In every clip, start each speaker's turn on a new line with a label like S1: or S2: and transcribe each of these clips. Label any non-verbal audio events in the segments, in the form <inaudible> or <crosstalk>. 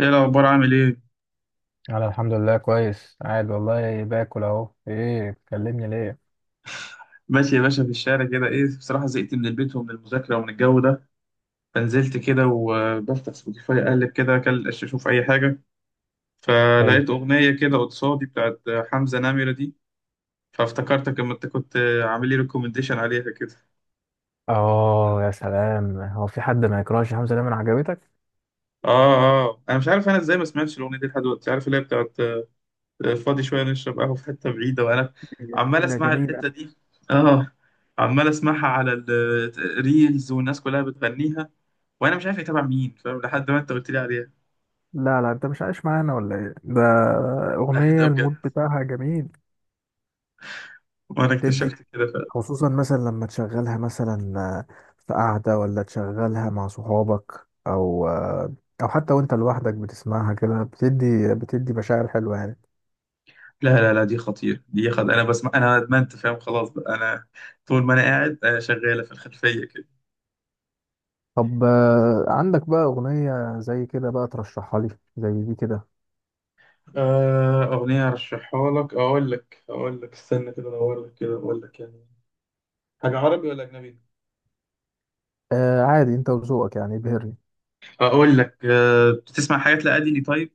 S1: ايه الاخبار؟ عامل ايه؟
S2: انا الحمد لله كويس، قاعد والله باكل اهو. ايه بتكلمني ليه؟
S1: ماشي يا باشا. في الشارع كده. ايه بصراحه، زهقت من البيت ومن المذاكره ومن الجو ده، فنزلت كده وبفتح سبوتيفاي اقلب كده، اشوف اي حاجه،
S2: حلو.
S1: فلقيت اغنيه كده قصادي بتاعت حمزه نمره دي. فافتكرتك اما انت كنت عامل لي ريكومنديشن عليها كده.
S2: اه، يا سلام، هو في حد ما يكرهش حمزة نمرة؟ عجبتك؟
S1: اه. اه انا مش عارف انا ازاي ما سمعتش الاغنيه دي لحد دلوقتي. عارف اللي هي بتاعت فاضي شويه نشرب قهوه في حته بعيده، وانا عمال
S2: جميلة
S1: اسمع
S2: جميلة.
S1: الحته دي. اه، عمال اسمعها على الريلز والناس كلها بتغنيها، وانا مش عارف يتابع مين. فاهم؟ لحد ما انت قلت لي عليها.
S2: لا لا، انت مش عايش معانا ولا ايه ده؟
S1: اهدى
S2: اغنية
S1: بجد،
S2: المود بتاعها جميل.
S1: وانا
S2: تدي،
S1: اكتشفت كده فعلا.
S2: خصوصا مثلا لما تشغلها، مثلا في قعدة، ولا تشغلها مع صحابك، او حتى وانت لوحدك بتسمعها كده، بتدي مشاعر حلوة يعني.
S1: لا، دي خطير. دي خد، انا بسمع، انا ادمنت. فاهم؟ خلاص بقى، انا طول ما انا قاعد شغاله في الخلفيه كده.
S2: طب، عندك بقى أغنية زي كده بقى ترشحها لي؟ زي دي كده.
S1: اغنيه ارشحها لك، اقول لك، اقول لك، استنى كده ادور لك كده اقول لك. يعني حاجه عربي ولا اجنبي؟
S2: عادي، أنت وذوقك، يعني ابهرني.
S1: اقول لك، بتسمع حاجات لأديلي؟ طيب،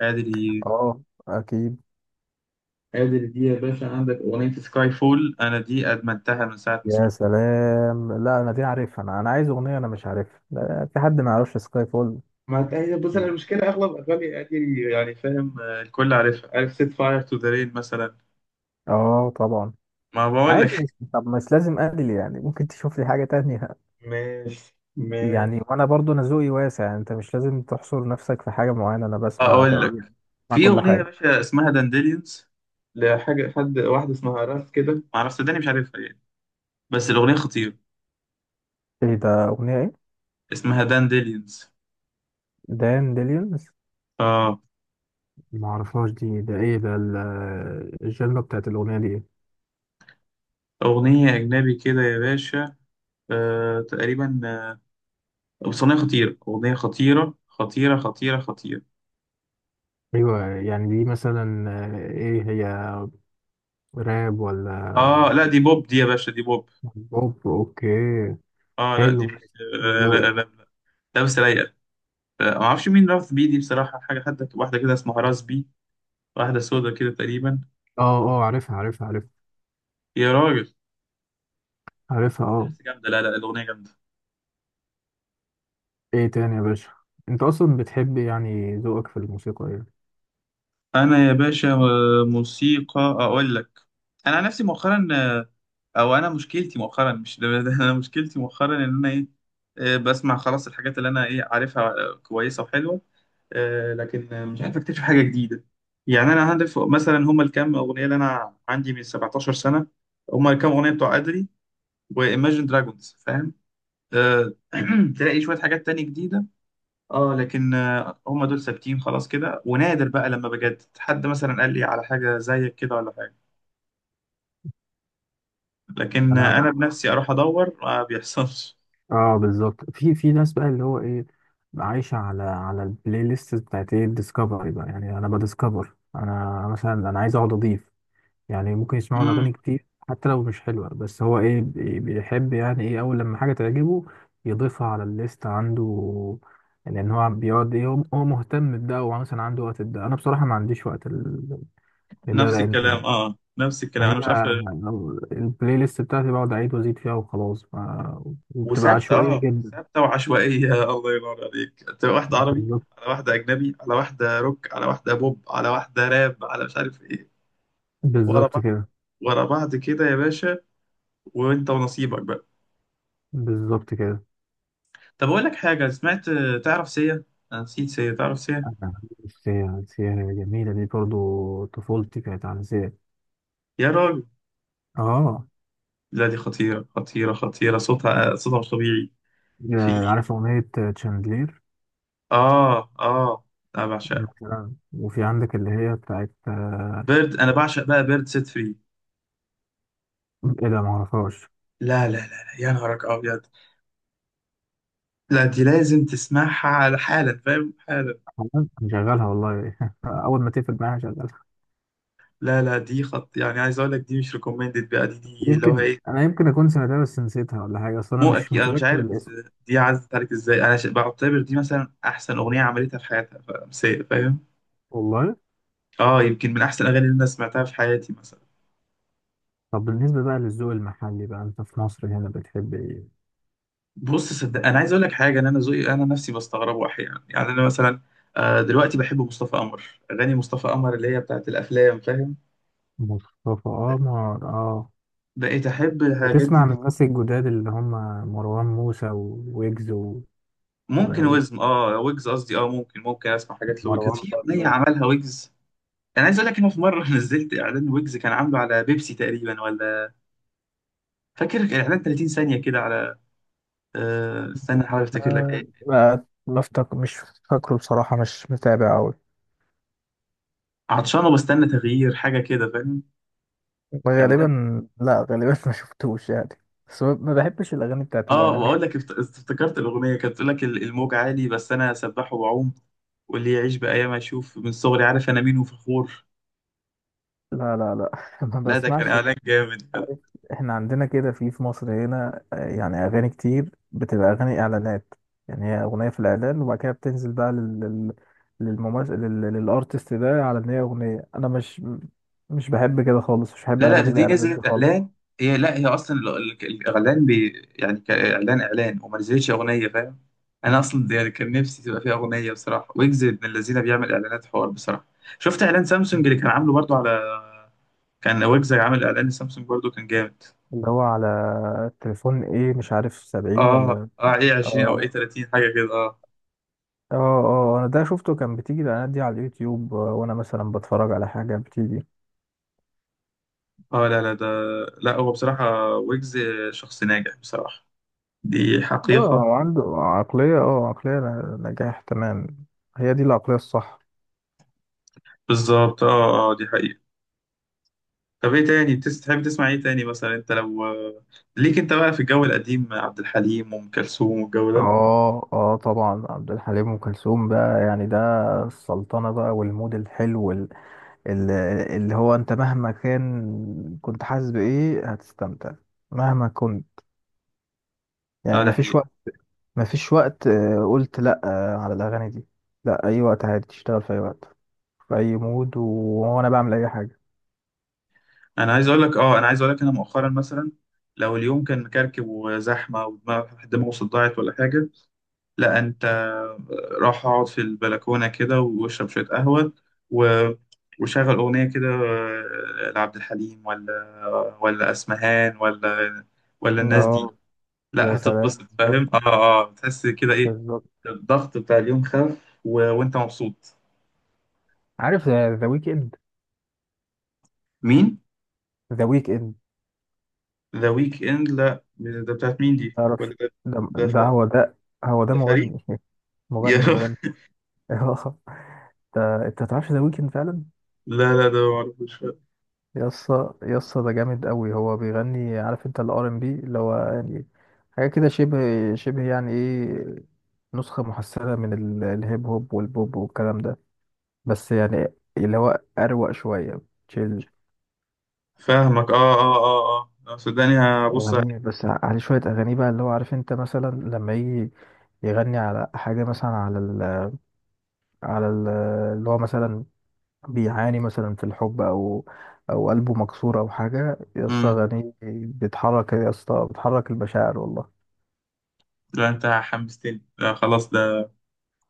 S1: أديلي،
S2: أه، أكيد.
S1: أديلي دي يا باشا، عندك أغنية سكاي فول؟ أنا دي أدمنتها من ساعة ما
S2: يا
S1: سمعتها.
S2: سلام، لا، أنا دي عارفها، أنا عايز أغنية أنا مش عارفها. لا، في حد ما يعرفش سكاي فول؟
S1: ما انت هي، بص، انا المشكله اغلب اغاني ادي يعني. فاهم؟ الكل عارفها. عارف سيت فاير تو ذا رين مثلا؟
S2: أه طبعا.
S1: ما بقول لك.
S2: عادي،
S1: <laughs>
S2: طب مش لازم أدل، يعني ممكن تشوف لي حاجة تانية.
S1: ماشي
S2: يعني
S1: ماشي.
S2: وأنا برضو، أنا ذوقي واسع، يعني أنت مش لازم تحصر نفسك في حاجة معينة. أنا بسمع
S1: اقول لك،
S2: تقريبا، بسمع
S1: في
S2: كل
S1: اغنيه يا
S2: حاجة.
S1: باشا اسمها دانديليونز، لحاجه، حد واحده اسمها راس كده، ما اعرفش، صدقني مش عارفها يعني، بس الاغنيه خطيره.
S2: إيه ده، أغنية إيه؟
S1: اسمها دانديليونز.
S2: دان ديليون.
S1: اه،
S2: ما اعرفهاش دي. ده ايه ده، الجنرا بتاعت الاغنيه دي ايه؟
S1: اغنيه اجنبي كده يا باشا. آه، تقريبا. بس اغنيه خطيره، اغنيه خطيره.
S2: ايوه، يعني دي مثلا ايه هي، راب ولا
S1: اه لا، دي بوب، دي يا باشا دي بوب.
S2: بوب؟ اوكي.
S1: اه لا، دي
S2: حلو، ماشي.
S1: مش آه لا
S2: ذوقي.
S1: لا لا لابسه رايقه. ما اعرفش مين رفض بيه دي بصراحه. حاجه حتى واحده كده اسمها راس بي، واحده سودا كده تقريبا.
S2: اه اه، عارفها عارفها عارفها.
S1: يا راجل،
S2: عارفها اه.
S1: لابسه جامده. لا لا، الاغنيه جامده.
S2: ايه تاني يا باشا؟ انت اصلا بتحب، يعني ذوقك في الموسيقى ايه؟
S1: انا يا باشا، موسيقى، اقول لك، انا عن نفسي مؤخرا، آه، او انا مشكلتي مؤخرا، مش ده ده انا مشكلتي مؤخرا ان انا ايه، بسمع خلاص الحاجات اللي انا ايه عارفها، كويسه وحلوه، لكن مش عارف اكتشف حاجه جديده. يعني انا عارف مثلا هما الكام اغنيه اللي انا عندي من 17 سنه. هما الكام اغنيه بتوع ادري وايماجين دراجونز. فاهم؟ آه، <clears throat> تلاقي شويه حاجات تانية جديده، اه، لكن هم دول ثابتين خلاص كده. ونادر بقى لما بجد حد مثلا قال لي على حاجه زيك كده ولا حاجه، لكن
S2: انا بقى،
S1: انا بنفسي اروح ادور ما بيحصلش.
S2: اه، بالظبط. في ناس بقى اللي هو ايه، عايشه على البلاي ليست بتاعت ايه الديسكفري بقى، يعني. انا بديسكفر، انا مثلا، انا عايز اقعد اضيف، يعني ممكن يسمعوا
S1: امم
S2: الأغاني كتير حتى لو مش حلوة، بس هو إيه، بيحب يعني إيه، أول لما حاجة تعجبه يضيفها على الليست عنده. لأن هو بيقعد إيه، هو مهتم بده. هو مثلا عنده وقت ده، أنا بصراحة ما عنديش وقت لده،
S1: نفس الكلام،
S2: لأن
S1: اه نفس الكلام،
S2: هي،
S1: انا مش عارف.
S2: لو البلاي ليست بتاعتي بقعد أعيد وأزيد فيها وخلاص، وبتبقى
S1: وثابته،
S2: عشوائية
S1: اه،
S2: جدا.
S1: ثابته وعشوائيه. <laughs> الله ينور عليك، تبقى واحده عربي
S2: بالظبط،
S1: على واحده اجنبي على واحده روك على واحده بوب على واحده راب على مش عارف ايه، ورا
S2: بالظبط
S1: بعض،
S2: كده.
S1: ورا بعض كده يا باشا، وانت ونصيبك بقى.
S2: بالظبط كده.
S1: طب اقول لك حاجه سمعت، تعرف سيا؟ انا نسيت، سيا تعرف؟ سيا،
S2: أنا- السيا، السيا جميلة دي، برضو طفولتي كانت عن السيا.
S1: يا راجل،
S2: اه،
S1: لا دي خطيره، صوتها، صوتها مش طبيعي. في،
S2: عارف أغنية تشاندلير
S1: اه اه، انا بعشقها.
S2: مثلا؟ وفي عندك اللي هي بتاعت
S1: بيرد، انا بعشق بقى بيرد سيت فري.
S2: إيه ده، معرفهاش.
S1: لا، يا نهارك ابيض، لا دي لازم تسمعها على حالا. فاهم؟ حالا.
S2: أنا مشغلها والله. <laughs> أول ما تقفل معايا هشغلها.
S1: لا لا، دي خط، يعني عايز اقول لك دي مش ريكومندد بقى، دي اللي هو
S2: يمكن
S1: ايه،
S2: أنا، يمكن أكون سمعتها بس نسيتها ولا حاجة. أصل أنا
S1: مو
S2: مش
S1: اكيد. انا مش
S2: متذكر
S1: عارف بس
S2: الاسم.
S1: دي عزت عليك ازاي؟ انا بعتبر دي مثلا احسن اغنيه عملتها في حياتها، سيا. فاهم؟
S2: والله.
S1: اه، يمكن من احسن الاغاني اللي انا سمعتها في حياتي مثلا.
S2: طب، بالنسبة بقى للذوق المحلي بقى، أنت في مصر هنا بتحب إيه؟
S1: بص صدق، انا عايز اقول لك حاجه، ان انا ذوقي انا نفسي بستغربه احيانا يعني. انا مثلا دلوقتي بحب مصطفى قمر، اغاني مصطفى قمر اللي هي بتاعت الافلام. فاهم؟
S2: مصطفى قمر، آه.
S1: بقيت احب الحاجات دي
S2: بتسمع من
S1: بس.
S2: الناس الجداد، اللي هم مروان موسى ويجز
S1: ممكن
S2: و-
S1: وزم، اه ويجز قصدي، اه ممكن، ممكن اسمع حاجات لويجز.
S2: ومروان
S1: في اغنيه
S2: بابلو.
S1: عملها ويجز، انا عايز اقول لك انه في مره <laughs> نزلت اعلان، ويجز كان عامله على بيبسي تقريبا ولا، فاكر اعلان 30 ثانيه كده على استنى احاول افتكر لك ايه.
S2: ما افتكر، مش فاكره بصراحة، مش متابع أوي.
S1: عطشان وبستنى تغيير حاجه كده. فاهم؟
S2: غالبا
S1: اعلان،
S2: لا، غالبا <laughs> ما شفتوش يعني. بس ما بحبش الأغاني بتاعت
S1: اه، واقول
S2: الإعلانات.
S1: لك افتكرت الاغنيه كانت بتقول لك الموج عالي بس انا سباح وبعوم، واللي يعيش بايام اشوف، من صغري عارف انا مين وفخور.
S2: لا لا لا. <laughs> ما
S1: لا، ده كان
S2: بسمعش.
S1: اعلان جامد.
S2: احنا عندنا كده في مصر هنا يعني أغاني كتير بتبقى أغاني إعلانات. يعني هي أغنية في الإعلان، وبعد كده بتنزل بقى لل للممثل، للأرتست ده، على إن هي أغنية. أنا مش، مش بحب كده خالص، مش بحب
S1: لا لا، ده
S2: أغاني
S1: دي
S2: الإعلانات دي
S1: نزلت
S2: خالص.
S1: اعلان، هي لا، هي اصلا الاعلان بي، يعني كاعلان اعلان، وما نزلتش اغنيه. فاهم؟ انا اصلا ده يعني كان نفسي تبقى فيها اغنيه بصراحه. ويجز من الذين بيعمل اعلانات حوار بصراحه. شفت اعلان سامسونج اللي كان عامله برضو على، كان ويجز عامل اعلان لسامسونج برضو، كان جامد.
S2: اللي هو على التليفون، ايه مش عارف، سبعين
S1: اه
S2: ولا.
S1: اه، ايه 20 او ايه
S2: اه
S1: 30، حاجه كده آه.
S2: اه اه، انا ده شفته. كان بتيجي الاعلانات دي على اليوتيوب، وانا مثلا بتفرج على حاجه بتيجي.
S1: اه لا لا ده، لا هو بصراحة ويجز شخص ناجح بصراحة، دي
S2: اه،
S1: حقيقة.
S2: هو عنده عقليه، عقليه نجاح، تمام. هي دي العقليه الصح.
S1: بالظبط، اه اه، دي حقيقة. طب ايه تاني تحب تسمع ايه تاني مثلا؟ انت لو ليك انت بقى في الجو القديم عبد الحليم وام كلثوم والجو ده.
S2: اه اه طبعا. عبد الحليم، ام كلثوم، بقى يعني ده السلطنه بقى والمود الحلو، ال- اللي هو انت مهما كان، كنت حاسس بايه، هتستمتع، مهما كنت، يعني.
S1: اه، ده
S2: مفيش
S1: حقيقة.
S2: وقت، مفيش وقت قلت لا على الاغاني دي، لا. اي وقت عادي تشتغل، في اي وقت، في اي مود، وانا بعمل اي حاجه.
S1: انا عايز اقول لك، اه، انا عايز اقول لك، انا مؤخرا مثلا لو اليوم كان مكركب وزحمة دماغه صداعت ولا حاجة، لا انت، راح اقعد في البلكونه كده واشرب شويه قهوه، و... وشغل اغنيه كده لعبد الحليم ولا اسمهان ولا الناس دي،
S2: اه يا
S1: لا
S2: سلام،
S1: هتتبسط. فاهم؟
S2: بالظبط.
S1: اه اه، تحس كده ايه،
S2: بالظبط.
S1: الضغط بتاع اليوم خف، و... وانت مبسوط.
S2: عارف ذا ويك اند؟
S1: مين؟
S2: ذا ويك اند.
S1: ذا ويك اند؟ لا ده بتاعت مين دي
S2: تعرفش؟
S1: ولا ده،
S2: ده
S1: ده، ف...
S2: ده هو ده هو ده
S1: ده فريق؟
S2: مغني. <laughs>
S1: يا
S2: مغني، مغني.
S1: <laughs>
S2: <laughs> اه. انت تعرفش ذا ويك اند فعلا؟
S1: لا لا، ده معرفوش.
S2: يسا يسا، ده جامد قوي. هو بيغني عارف انت الار ام بي، اللي هو يعني حاجه كده شبه يعني ايه، نسخه محسنه من الهيب هوب والبوب والكلام ده، بس يعني اللي هو اروق شويه، تشيل.
S1: فاهمك، اه اه اه، اه صدقني. هبص
S2: أغنية، بس عليه شوية أغاني بقى اللي هو عارف، أنت مثلا لما يجي يغني على حاجة، مثلا على ال، اللي هو مثلا بيعاني مثلا في الحب، أو أو قلبه مكسور، أو حاجة، يا اسطى
S1: عليه.
S2: أغانيه بتحرك، يا اسطى بتحرك المشاعر والله.
S1: لا انت حمستني، لا خلاص ده،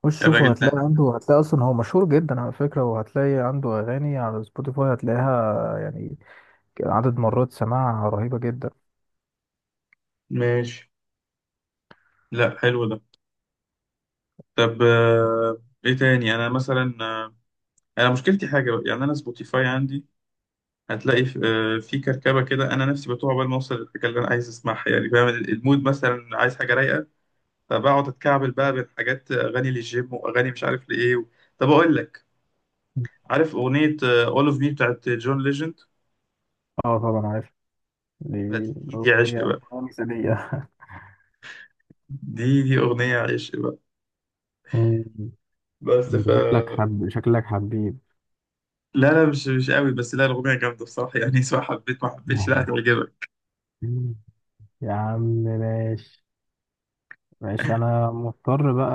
S2: خش شوفه،
S1: الراجل ده،
S2: هتلاقي عنده، هتلاقي أصلا هو مشهور جدا على فكرة، وهتلاقي عنده أغاني على سبوتيفاي، هتلاقيها يعني عدد مرات سماعها رهيبة جدا.
S1: ماشي. لا حلو ده. طب ايه تاني؟ انا مثلا انا مشكلتي حاجه بقى، يعني انا سبوتيفاي عندي هتلاقي في في كركبه كده. انا نفسي بتوع عقبال ما اوصل للحاجه اللي انا عايز اسمعها يعني. فاهم؟ المود مثلا عايز حاجه رايقه، فبقعد اتكعبل بقى بين حاجات اغاني للجيم واغاني مش عارف لايه و... طب اقول لك، عارف اغنيه اول اوف مي بتاعت جون ليجند؟
S2: اه طبعا عارف دي.
S1: دي عشق
S2: أغنية
S1: بقى،
S2: أغنية مثالية.
S1: دي اغنيه عشق بقى.
S2: <laughs>
S1: بس ف،
S2: انت شكلك حب، شكلك حبيب.
S1: لا لا، مش مش قوي، بس لا الأغنية جامدة بصراحة يعني. <laughs> سواء حبيت ما حبيتش، لا
S2: <laughs>
S1: هتعجبك.
S2: يا عم ماشي. ماشي، انا مضطر بقى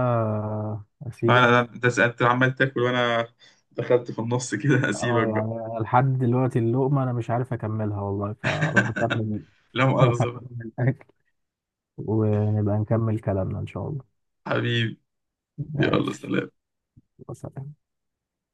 S1: لا
S2: اسيبك.
S1: لا لا ده أنت عمال تاكل وأنا دخلت في النص كده،
S2: اه
S1: هسيبك بقى.
S2: يعني لحد دلوقتي اللقمة انا مش عارف اكملها والله، فاروح
S1: <laughs>
S2: اكمل.
S1: لا
S2: <laughs> اروح
S1: مؤاخذة بقى.
S2: اكمل الاكل، ونبقى نكمل كلامنا ان شاء الله.
S1: حبيبي، يلا
S2: ماشي.
S1: سلام.
S2: وسلام.